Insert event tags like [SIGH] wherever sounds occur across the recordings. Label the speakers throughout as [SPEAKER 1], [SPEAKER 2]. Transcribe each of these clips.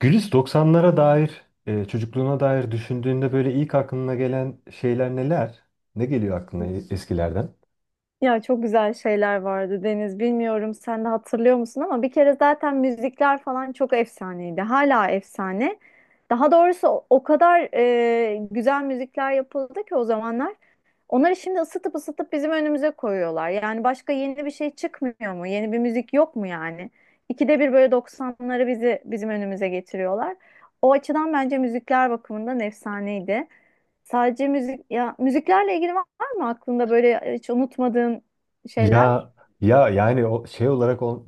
[SPEAKER 1] Gülis doksanlara dair, çocukluğuna dair düşündüğünde böyle ilk aklına gelen şeyler neler? Ne geliyor aklına eskilerden?
[SPEAKER 2] Ya çok güzel şeyler vardı Deniz. Bilmiyorum sen de hatırlıyor musun ama bir kere zaten müzikler falan çok efsaneydi. Hala efsane. Daha doğrusu o kadar güzel müzikler yapıldı ki o zamanlar. Onları şimdi ısıtıp ısıtıp bizim önümüze koyuyorlar. Yani başka yeni bir şey çıkmıyor mu? Yeni bir müzik yok mu yani? İkide bir böyle 90'ları bizim önümüze getiriyorlar. O açıdan bence müzikler bakımından efsaneydi. Sadece müzik ya müziklerle ilgili var mı aklında böyle hiç unutmadığın şeyler?
[SPEAKER 1] Ya ya, yani o şey olarak o,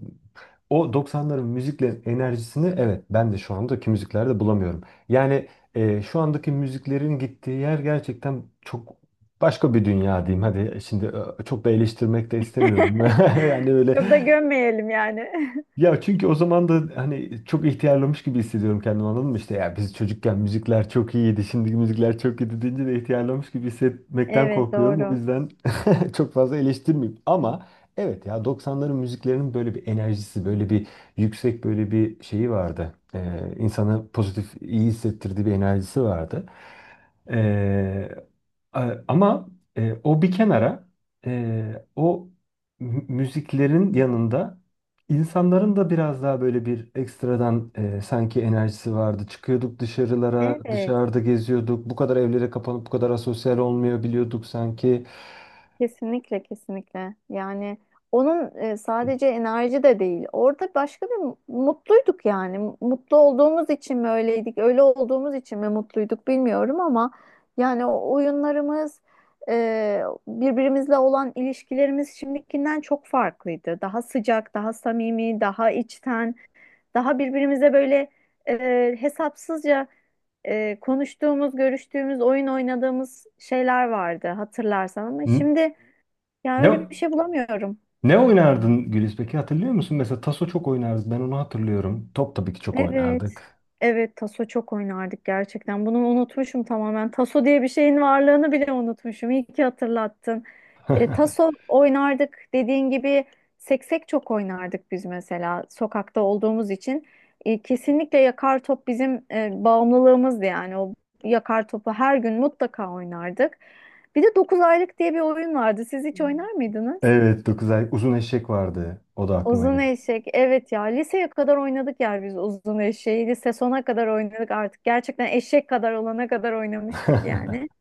[SPEAKER 1] o 90'ların müziklerin enerjisini, evet, ben de şu andaki müziklerde bulamıyorum. Yani şu andaki müziklerin gittiği yer gerçekten çok başka bir dünya diyeyim. Hadi şimdi çok da eleştirmek de istemiyorum.
[SPEAKER 2] [LAUGHS]
[SPEAKER 1] [LAUGHS] Yani böyle.
[SPEAKER 2] Çok da gömmeyelim yani. [LAUGHS]
[SPEAKER 1] Ya çünkü o zaman da hani çok ihtiyarlamış gibi hissediyorum kendimi, anladın mı? İşte ya biz çocukken müzikler çok iyiydi, şimdiki müzikler çok iyi deyince de ihtiyarlamış gibi hissetmekten
[SPEAKER 2] Evet,
[SPEAKER 1] korkuyorum. O
[SPEAKER 2] doğru.
[SPEAKER 1] yüzden [LAUGHS] çok fazla eleştirmeyeyim. Ama evet, ya doksanların müziklerinin böyle bir enerjisi, böyle bir yüksek böyle bir şeyi vardı. İnsanı pozitif, iyi hissettirdiği bir enerjisi vardı. E, Ama o bir kenara, e, o müziklerin yanında insanların da biraz daha böyle bir ekstradan sanki enerjisi vardı. Çıkıyorduk dışarılara,
[SPEAKER 2] Evet.
[SPEAKER 1] dışarıda geziyorduk. Bu kadar evlere kapanıp bu kadar asosyal olmuyor biliyorduk sanki.
[SPEAKER 2] Kesinlikle, kesinlikle. Yani onun, sadece enerji de değil. Orada başka bir mutluyduk yani. Mutlu olduğumuz için mi öyleydik, öyle olduğumuz için mi mutluyduk bilmiyorum ama yani o oyunlarımız, e, birbirimizle olan ilişkilerimiz şimdikinden çok farklıydı. Daha sıcak, daha samimi, daha içten, daha birbirimize böyle hesapsızca konuştuğumuz, görüştüğümüz, oyun oynadığımız şeyler vardı hatırlarsan ama
[SPEAKER 1] N-
[SPEAKER 2] şimdi ya
[SPEAKER 1] Ne
[SPEAKER 2] öyle bir şey bulamıyorum.
[SPEAKER 1] oynardın Güliz peki, hatırlıyor musun? Mesela taso çok oynardık. Ben onu hatırlıyorum. Top tabii ki çok
[SPEAKER 2] Evet.
[SPEAKER 1] oynardık.
[SPEAKER 2] Evet, taso çok oynardık gerçekten. Bunu unutmuşum tamamen. Taso diye bir şeyin varlığını bile unutmuşum. İyi ki hatırlattın.
[SPEAKER 1] [LAUGHS]
[SPEAKER 2] Taso oynardık dediğin gibi seksek çok oynardık biz mesela sokakta olduğumuz için. Kesinlikle yakar top bizim bağımlılığımızdı yani. O yakar topu her gün mutlaka oynardık. Bir de 9 aylık diye bir oyun vardı. Siz hiç oynar mıydınız?
[SPEAKER 1] Evet, 9 ay uzun eşek vardı. O da aklıma
[SPEAKER 2] Uzun
[SPEAKER 1] geldi.
[SPEAKER 2] eşek. Evet ya liseye kadar oynadık ya biz uzun eşeği. Lise sona kadar oynadık artık. Gerçekten eşek kadar olana kadar oynamıştık yani.
[SPEAKER 1] [LAUGHS]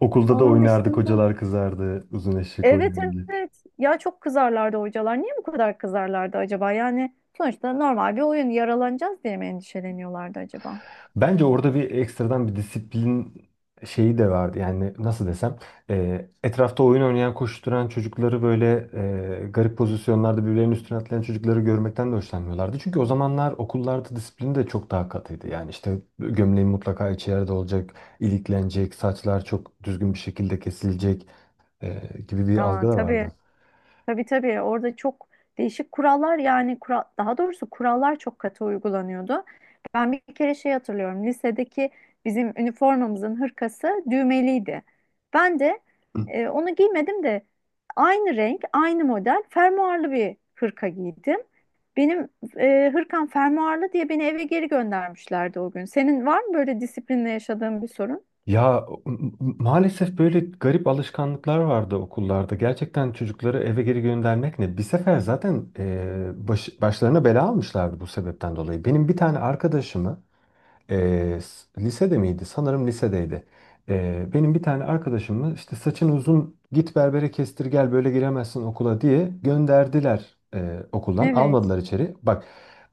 [SPEAKER 1] Okulda da
[SPEAKER 2] Onun
[SPEAKER 1] oynardık,
[SPEAKER 2] dışında.
[SPEAKER 1] hocalar kızardı, uzun eşek
[SPEAKER 2] Evet,
[SPEAKER 1] oynardık.
[SPEAKER 2] evet. Ya çok kızarlardı hocalar. Niye bu kadar kızarlardı acaba? Yani sonuçta normal bir oyun, yaralanacağız diye mi endişeleniyorlardı acaba?
[SPEAKER 1] Bence orada bir ekstradan bir disiplin şeyi de vardı. Yani nasıl desem, etrafta oyun oynayan, koşturan çocukları böyle garip pozisyonlarda birbirlerinin üstüne atlayan çocukları görmekten de hoşlanmıyorlardı. Çünkü o zamanlar okullarda disiplin de çok daha katıydı. Yani işte gömleğin mutlaka içi yerde olacak, iliklenecek, saçlar çok düzgün bir şekilde kesilecek e, gibi bir
[SPEAKER 2] Aa
[SPEAKER 1] algı da
[SPEAKER 2] tabii.
[SPEAKER 1] vardı.
[SPEAKER 2] Tabii, tabii, orada çok değişik kurallar yani daha doğrusu kurallar çok katı uygulanıyordu. Ben bir kere şey hatırlıyorum, lisedeki bizim üniformamızın hırkası düğmeliydi. Ben de onu giymedim de aynı renk aynı model fermuarlı bir hırka giydim. Benim hırkam fermuarlı diye beni eve geri göndermişlerdi o gün. Senin var mı böyle disiplinle yaşadığın bir sorun?
[SPEAKER 1] Ya maalesef böyle garip alışkanlıklar vardı okullarda. Gerçekten çocukları eve geri göndermek ne? Bir sefer zaten başlarına bela almışlardı bu sebepten dolayı. Benim bir tane arkadaşımı e, lisede miydi? Sanırım lisedeydi. Benim bir tane arkadaşımı işte saçın uzun, git berbere kestir gel, böyle giremezsin okula diye gönderdiler okuldan.
[SPEAKER 2] Evet,
[SPEAKER 1] Almadılar içeri. Bak,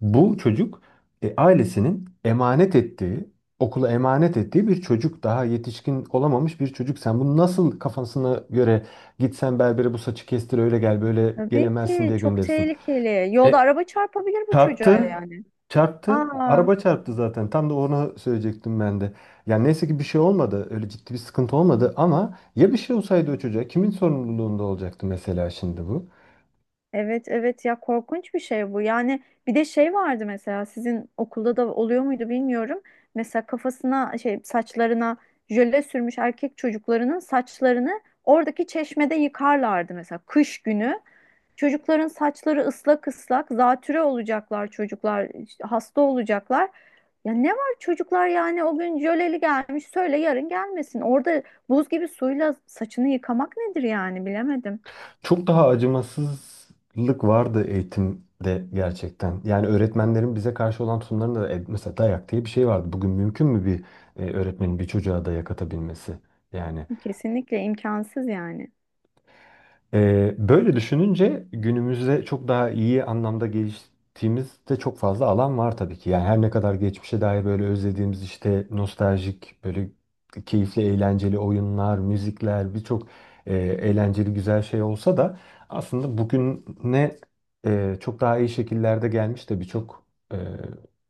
[SPEAKER 1] bu çocuk, ailesinin emanet ettiği, okula emanet ettiği bir çocuk, daha yetişkin olamamış bir çocuk, sen bunu nasıl kafasına göre gitsen berbere bu saçı kestir öyle gel böyle
[SPEAKER 2] tabii
[SPEAKER 1] gelemezsin
[SPEAKER 2] ki
[SPEAKER 1] diye
[SPEAKER 2] çok
[SPEAKER 1] gönderirsin.
[SPEAKER 2] tehlikeli. Yolda
[SPEAKER 1] E,
[SPEAKER 2] araba çarpabilir bu çocuğa
[SPEAKER 1] Çarptı.
[SPEAKER 2] yani.
[SPEAKER 1] Çarptı.
[SPEAKER 2] Aa.
[SPEAKER 1] Araba çarptı zaten. Tam da onu söyleyecektim ben de. Yani neyse ki bir şey olmadı. Öyle ciddi bir sıkıntı olmadı, ama ya bir şey olsaydı o çocuğa, kimin sorumluluğunda olacaktı mesela şimdi bu?
[SPEAKER 2] Evet, evet ya korkunç bir şey bu. Yani bir de şey vardı, mesela sizin okulda da oluyor muydu bilmiyorum. Mesela kafasına şey, saçlarına jöle sürmüş erkek çocuklarının saçlarını oradaki çeşmede yıkarlardı mesela kış günü. Çocukların saçları ıslak ıslak, zatüre olacaklar çocuklar, işte hasta olacaklar. Ya ne var çocuklar yani o gün jöleli gelmiş, söyle yarın gelmesin. Orada buz gibi suyla saçını yıkamak nedir yani, bilemedim.
[SPEAKER 1] Çok daha acımasızlık vardı eğitimde gerçekten. Yani öğretmenlerin bize karşı olan tutumlarında da, mesela dayak diye bir şey vardı. Bugün mümkün mü bir öğretmenin bir çocuğa dayak atabilmesi? Yani.
[SPEAKER 2] Kesinlikle imkansız yani.
[SPEAKER 1] Böyle düşününce günümüzde çok daha iyi anlamda geliştiğimizde çok fazla alan var tabii ki. Yani her ne kadar geçmişe dair böyle özlediğimiz işte nostaljik böyle keyifli eğlenceli oyunlar, müzikler, birçok eğlenceli güzel şey olsa da, aslında bugüne çok daha iyi şekillerde gelmiş de birçok e,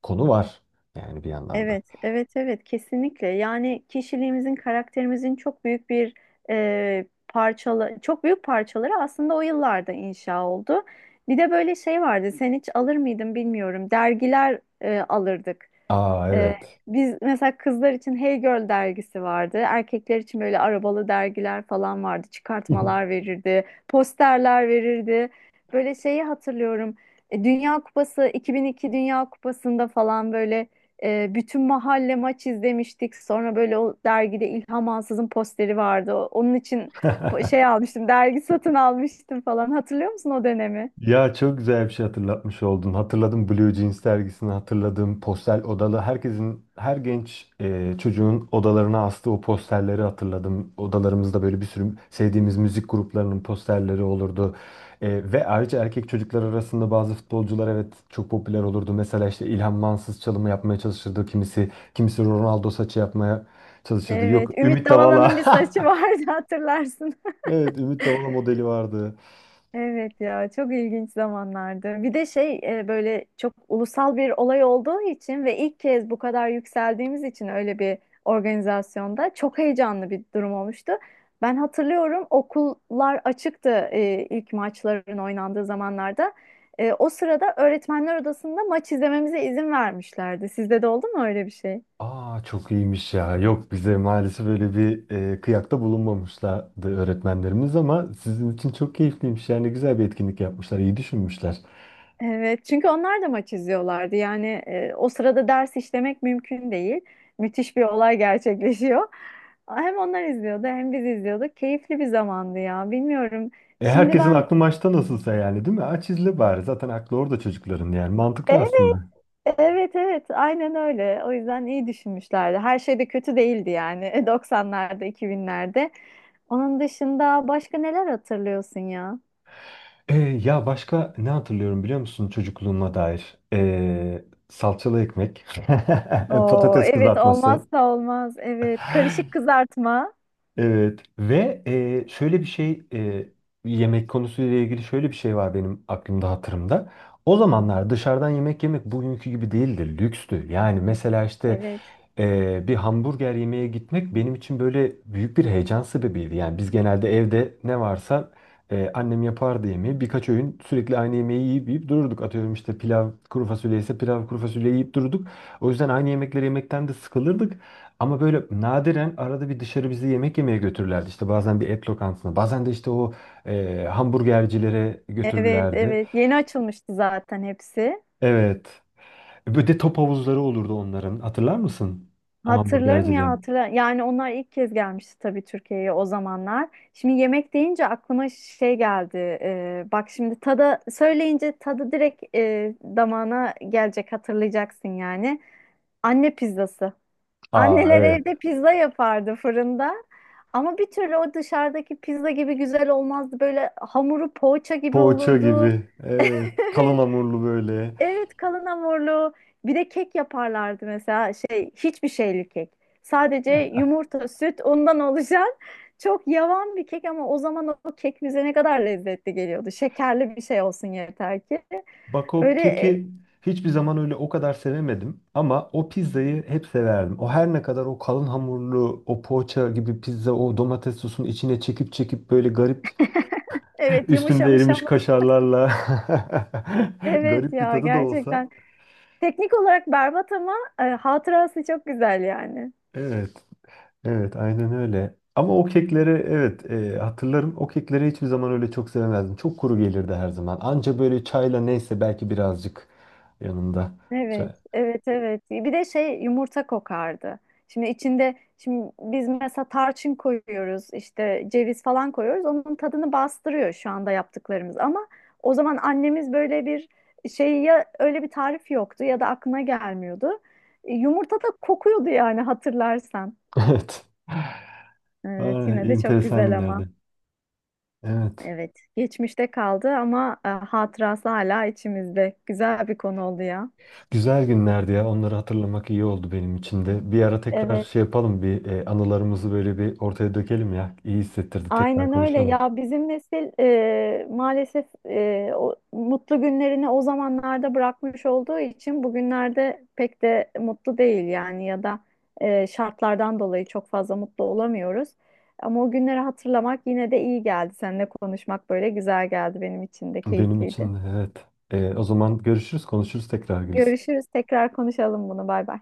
[SPEAKER 1] konu var yani bir yandan da.
[SPEAKER 2] Evet, evet, evet, kesinlikle. Yani kişiliğimizin, karakterimizin çok büyük bir, parçalı, çok büyük parçaları aslında o yıllarda inşa oldu. Bir de böyle şey vardı. Sen hiç alır mıydın bilmiyorum. Dergiler alırdık.
[SPEAKER 1] Aa
[SPEAKER 2] Ee,
[SPEAKER 1] evet.
[SPEAKER 2] Biz mesela kızlar için Hey Girl dergisi vardı. Erkekler için böyle arabalı dergiler falan vardı.
[SPEAKER 1] [LAUGHS]
[SPEAKER 2] Çıkartmalar verirdi, posterler verirdi. Böyle şeyi hatırlıyorum. Dünya Kupası, 2002 Dünya Kupası'nda falan böyle bütün mahalle maç izlemiştik. Sonra böyle o dergide İlham Ansız'ın posteri vardı. Onun için şey almıştım, dergi satın almıştım falan. Hatırlıyor musun o dönemi?
[SPEAKER 1] Ya çok güzel bir şey hatırlatmış oldun. Hatırladım, Blue Jeans dergisini hatırladım. Postel odalı. Herkesin, her genç çocuğun odalarına astığı o posterleri hatırladım. Odalarımızda böyle bir sürü sevdiğimiz müzik gruplarının posterleri olurdu. Ve ayrıca erkek çocuklar arasında bazı futbolcular, evet, çok popüler olurdu. Mesela işte İlhan Mansız çalımı yapmaya çalışırdı kimisi. Kimisi Ronaldo saçı yapmaya çalışırdı. Yok,
[SPEAKER 2] Evet, Ümit
[SPEAKER 1] Ümit Davala.
[SPEAKER 2] Davala'nın bir saçı
[SPEAKER 1] [LAUGHS]
[SPEAKER 2] vardı [LAUGHS] hatırlarsın.
[SPEAKER 1] Evet, Ümit Davala modeli vardı.
[SPEAKER 2] Evet ya çok ilginç zamanlardı. Bir de şey, böyle çok ulusal bir olay olduğu için ve ilk kez bu kadar yükseldiğimiz için öyle bir organizasyonda çok heyecanlı bir durum olmuştu. Ben hatırlıyorum, okullar açıktı ilk maçların oynandığı zamanlarda. O sırada öğretmenler odasında maç izlememize izin vermişlerdi. Sizde de oldu mu öyle bir şey?
[SPEAKER 1] Aa çok iyiymiş ya. Yok, bize maalesef böyle bir kıyakta bulunmamışlardı öğretmenlerimiz, ama sizin için çok keyifliymiş. Yani güzel bir etkinlik yapmışlar, iyi düşünmüşler.
[SPEAKER 2] Evet, çünkü onlar da maç izliyorlardı. Yani o sırada ders işlemek mümkün değil. Müthiş bir olay gerçekleşiyor. Hem onlar izliyordu hem biz izliyorduk. Keyifli bir zamandı ya. Bilmiyorum. Şimdi
[SPEAKER 1] Herkesin
[SPEAKER 2] ben,
[SPEAKER 1] aklı maçta nasılsa yani, değil mi? Aç izle bari. Zaten aklı orada çocukların yani. Mantıklı
[SPEAKER 2] evet,
[SPEAKER 1] aslında.
[SPEAKER 2] evet, evet. Aynen öyle. O yüzden iyi düşünmüşlerdi. Her şey de kötü değildi yani. [LAUGHS] 90'larda, 2000'lerde. Onun dışında başka neler hatırlıyorsun ya?
[SPEAKER 1] Ya başka ne hatırlıyorum biliyor musun çocukluğuma dair? Salçalı ekmek, [LAUGHS]
[SPEAKER 2] Oo,
[SPEAKER 1] patates
[SPEAKER 2] evet,
[SPEAKER 1] kızartması.
[SPEAKER 2] olmazsa olmaz. Evet, karışık kızartma.
[SPEAKER 1] Evet, ve e, şöyle bir şey e, yemek konusuyla ilgili şöyle bir şey var benim aklımda, hatırımda. O zamanlar dışarıdan yemek yemek bugünkü gibi değildi, lükstü. Yani mesela işte,
[SPEAKER 2] Evet.
[SPEAKER 1] bir hamburger yemeye gitmek benim için böyle büyük bir heyecan sebebiydi. Yani biz genelde evde ne varsa annem yapardı yemeği. Birkaç öğün sürekli aynı yemeği yiyip dururduk. Atıyorum işte pilav, kuru fasulye ise pilav, kuru fasulye yiyip dururduk. O yüzden aynı yemekleri yemekten de sıkılırdık. Ama böyle nadiren arada bir dışarı bizi yemek yemeye götürürlerdi. İşte bazen bir et lokantasına, bazen de işte o hamburgercilere
[SPEAKER 2] Evet,
[SPEAKER 1] götürürlerdi.
[SPEAKER 2] evet. Yeni açılmıştı zaten hepsi.
[SPEAKER 1] Evet. Bir de top havuzları olurdu onların. Hatırlar mısın? O
[SPEAKER 2] Hatırlarım ya,
[SPEAKER 1] hamburgercilerin.
[SPEAKER 2] hatırla. Yani onlar ilk kez gelmişti tabii Türkiye'ye o zamanlar. Şimdi yemek deyince aklıma şey geldi. Bak, şimdi tada söyleyince tadı direkt damağına gelecek, hatırlayacaksın yani. Anne pizzası.
[SPEAKER 1] Aa
[SPEAKER 2] Anneler evde
[SPEAKER 1] evet.
[SPEAKER 2] pizza yapardı fırında. Ama bir türlü o dışarıdaki pizza gibi güzel olmazdı. Böyle hamuru poğaça gibi
[SPEAKER 1] Poğaça
[SPEAKER 2] olurdu.
[SPEAKER 1] gibi.
[SPEAKER 2] [LAUGHS]
[SPEAKER 1] Evet. Kalın hamurlu böyle.
[SPEAKER 2] Evet, kalın hamurlu. Bir de kek yaparlardı, mesela şey, hiçbir şeyli kek. Sadece yumurta, süt, ondan oluşan [LAUGHS] çok yavan bir kek ama o zaman o kek bize ne kadar lezzetli geliyordu. Şekerli bir şey olsun yeter ki.
[SPEAKER 1] Bak, o
[SPEAKER 2] Öyle
[SPEAKER 1] keki hiçbir zaman öyle o kadar sevemedim, ama o pizzayı hep severdim. O, her ne kadar o kalın hamurlu, o poğaça gibi pizza, o domates sosunu içine çekip böyle garip [LAUGHS]
[SPEAKER 2] evet,
[SPEAKER 1] üstünde
[SPEAKER 2] yumuşamış
[SPEAKER 1] erimiş
[SPEAKER 2] hamur. [LAUGHS]
[SPEAKER 1] kaşarlarla [LAUGHS]
[SPEAKER 2] Evet
[SPEAKER 1] garip bir
[SPEAKER 2] ya,
[SPEAKER 1] tadı da olsa.
[SPEAKER 2] gerçekten. Teknik olarak berbat ama hatırası çok güzel yani.
[SPEAKER 1] Evet. Evet, aynen öyle. Ama o kekleri, evet, hatırlarım. O kekleri hiçbir zaman öyle çok sevmezdim. Çok kuru gelirdi her zaman. Anca böyle çayla, neyse, belki birazcık yanında.
[SPEAKER 2] Evet,
[SPEAKER 1] Çay. [LAUGHS]
[SPEAKER 2] evet, evet. Bir de şey, yumurta kokardı. Şimdi içinde, şimdi biz mesela tarçın koyuyoruz, işte ceviz falan koyuyoruz. Onun tadını bastırıyor şu anda yaptıklarımız. Ama o zaman annemiz böyle bir şey, ya öyle bir tarif yoktu ya da aklına gelmiyordu. Yumurta da kokuyordu yani, hatırlarsan.
[SPEAKER 1] Evet.
[SPEAKER 2] Evet,
[SPEAKER 1] Ay,
[SPEAKER 2] yine de çok
[SPEAKER 1] enteresan
[SPEAKER 2] güzel ama.
[SPEAKER 1] günlerdi. Evet.
[SPEAKER 2] Evet, geçmişte kaldı ama hatırası hala içimizde. Güzel bir konu oldu ya.
[SPEAKER 1] Güzel günlerdi ya. Onları hatırlamak iyi oldu benim için de. Bir ara tekrar
[SPEAKER 2] Evet.
[SPEAKER 1] şey yapalım. Bir, anılarımızı böyle bir ortaya dökelim ya. İyi hissettirdi. Tekrar
[SPEAKER 2] Aynen öyle
[SPEAKER 1] konuşalım.
[SPEAKER 2] ya, bizim nesil maalesef, o mutlu günlerini o zamanlarda bırakmış olduğu için bugünlerde pek de mutlu değil yani, ya da şartlardan dolayı çok fazla mutlu olamıyoruz. Ama o günleri hatırlamak yine de iyi geldi. Seninle konuşmak böyle güzel geldi, benim için de
[SPEAKER 1] Benim
[SPEAKER 2] keyifliydi.
[SPEAKER 1] için de, evet. O zaman görüşürüz, konuşuruz tekrar Gülis.
[SPEAKER 2] Görüşürüz, tekrar konuşalım bunu, bay bay.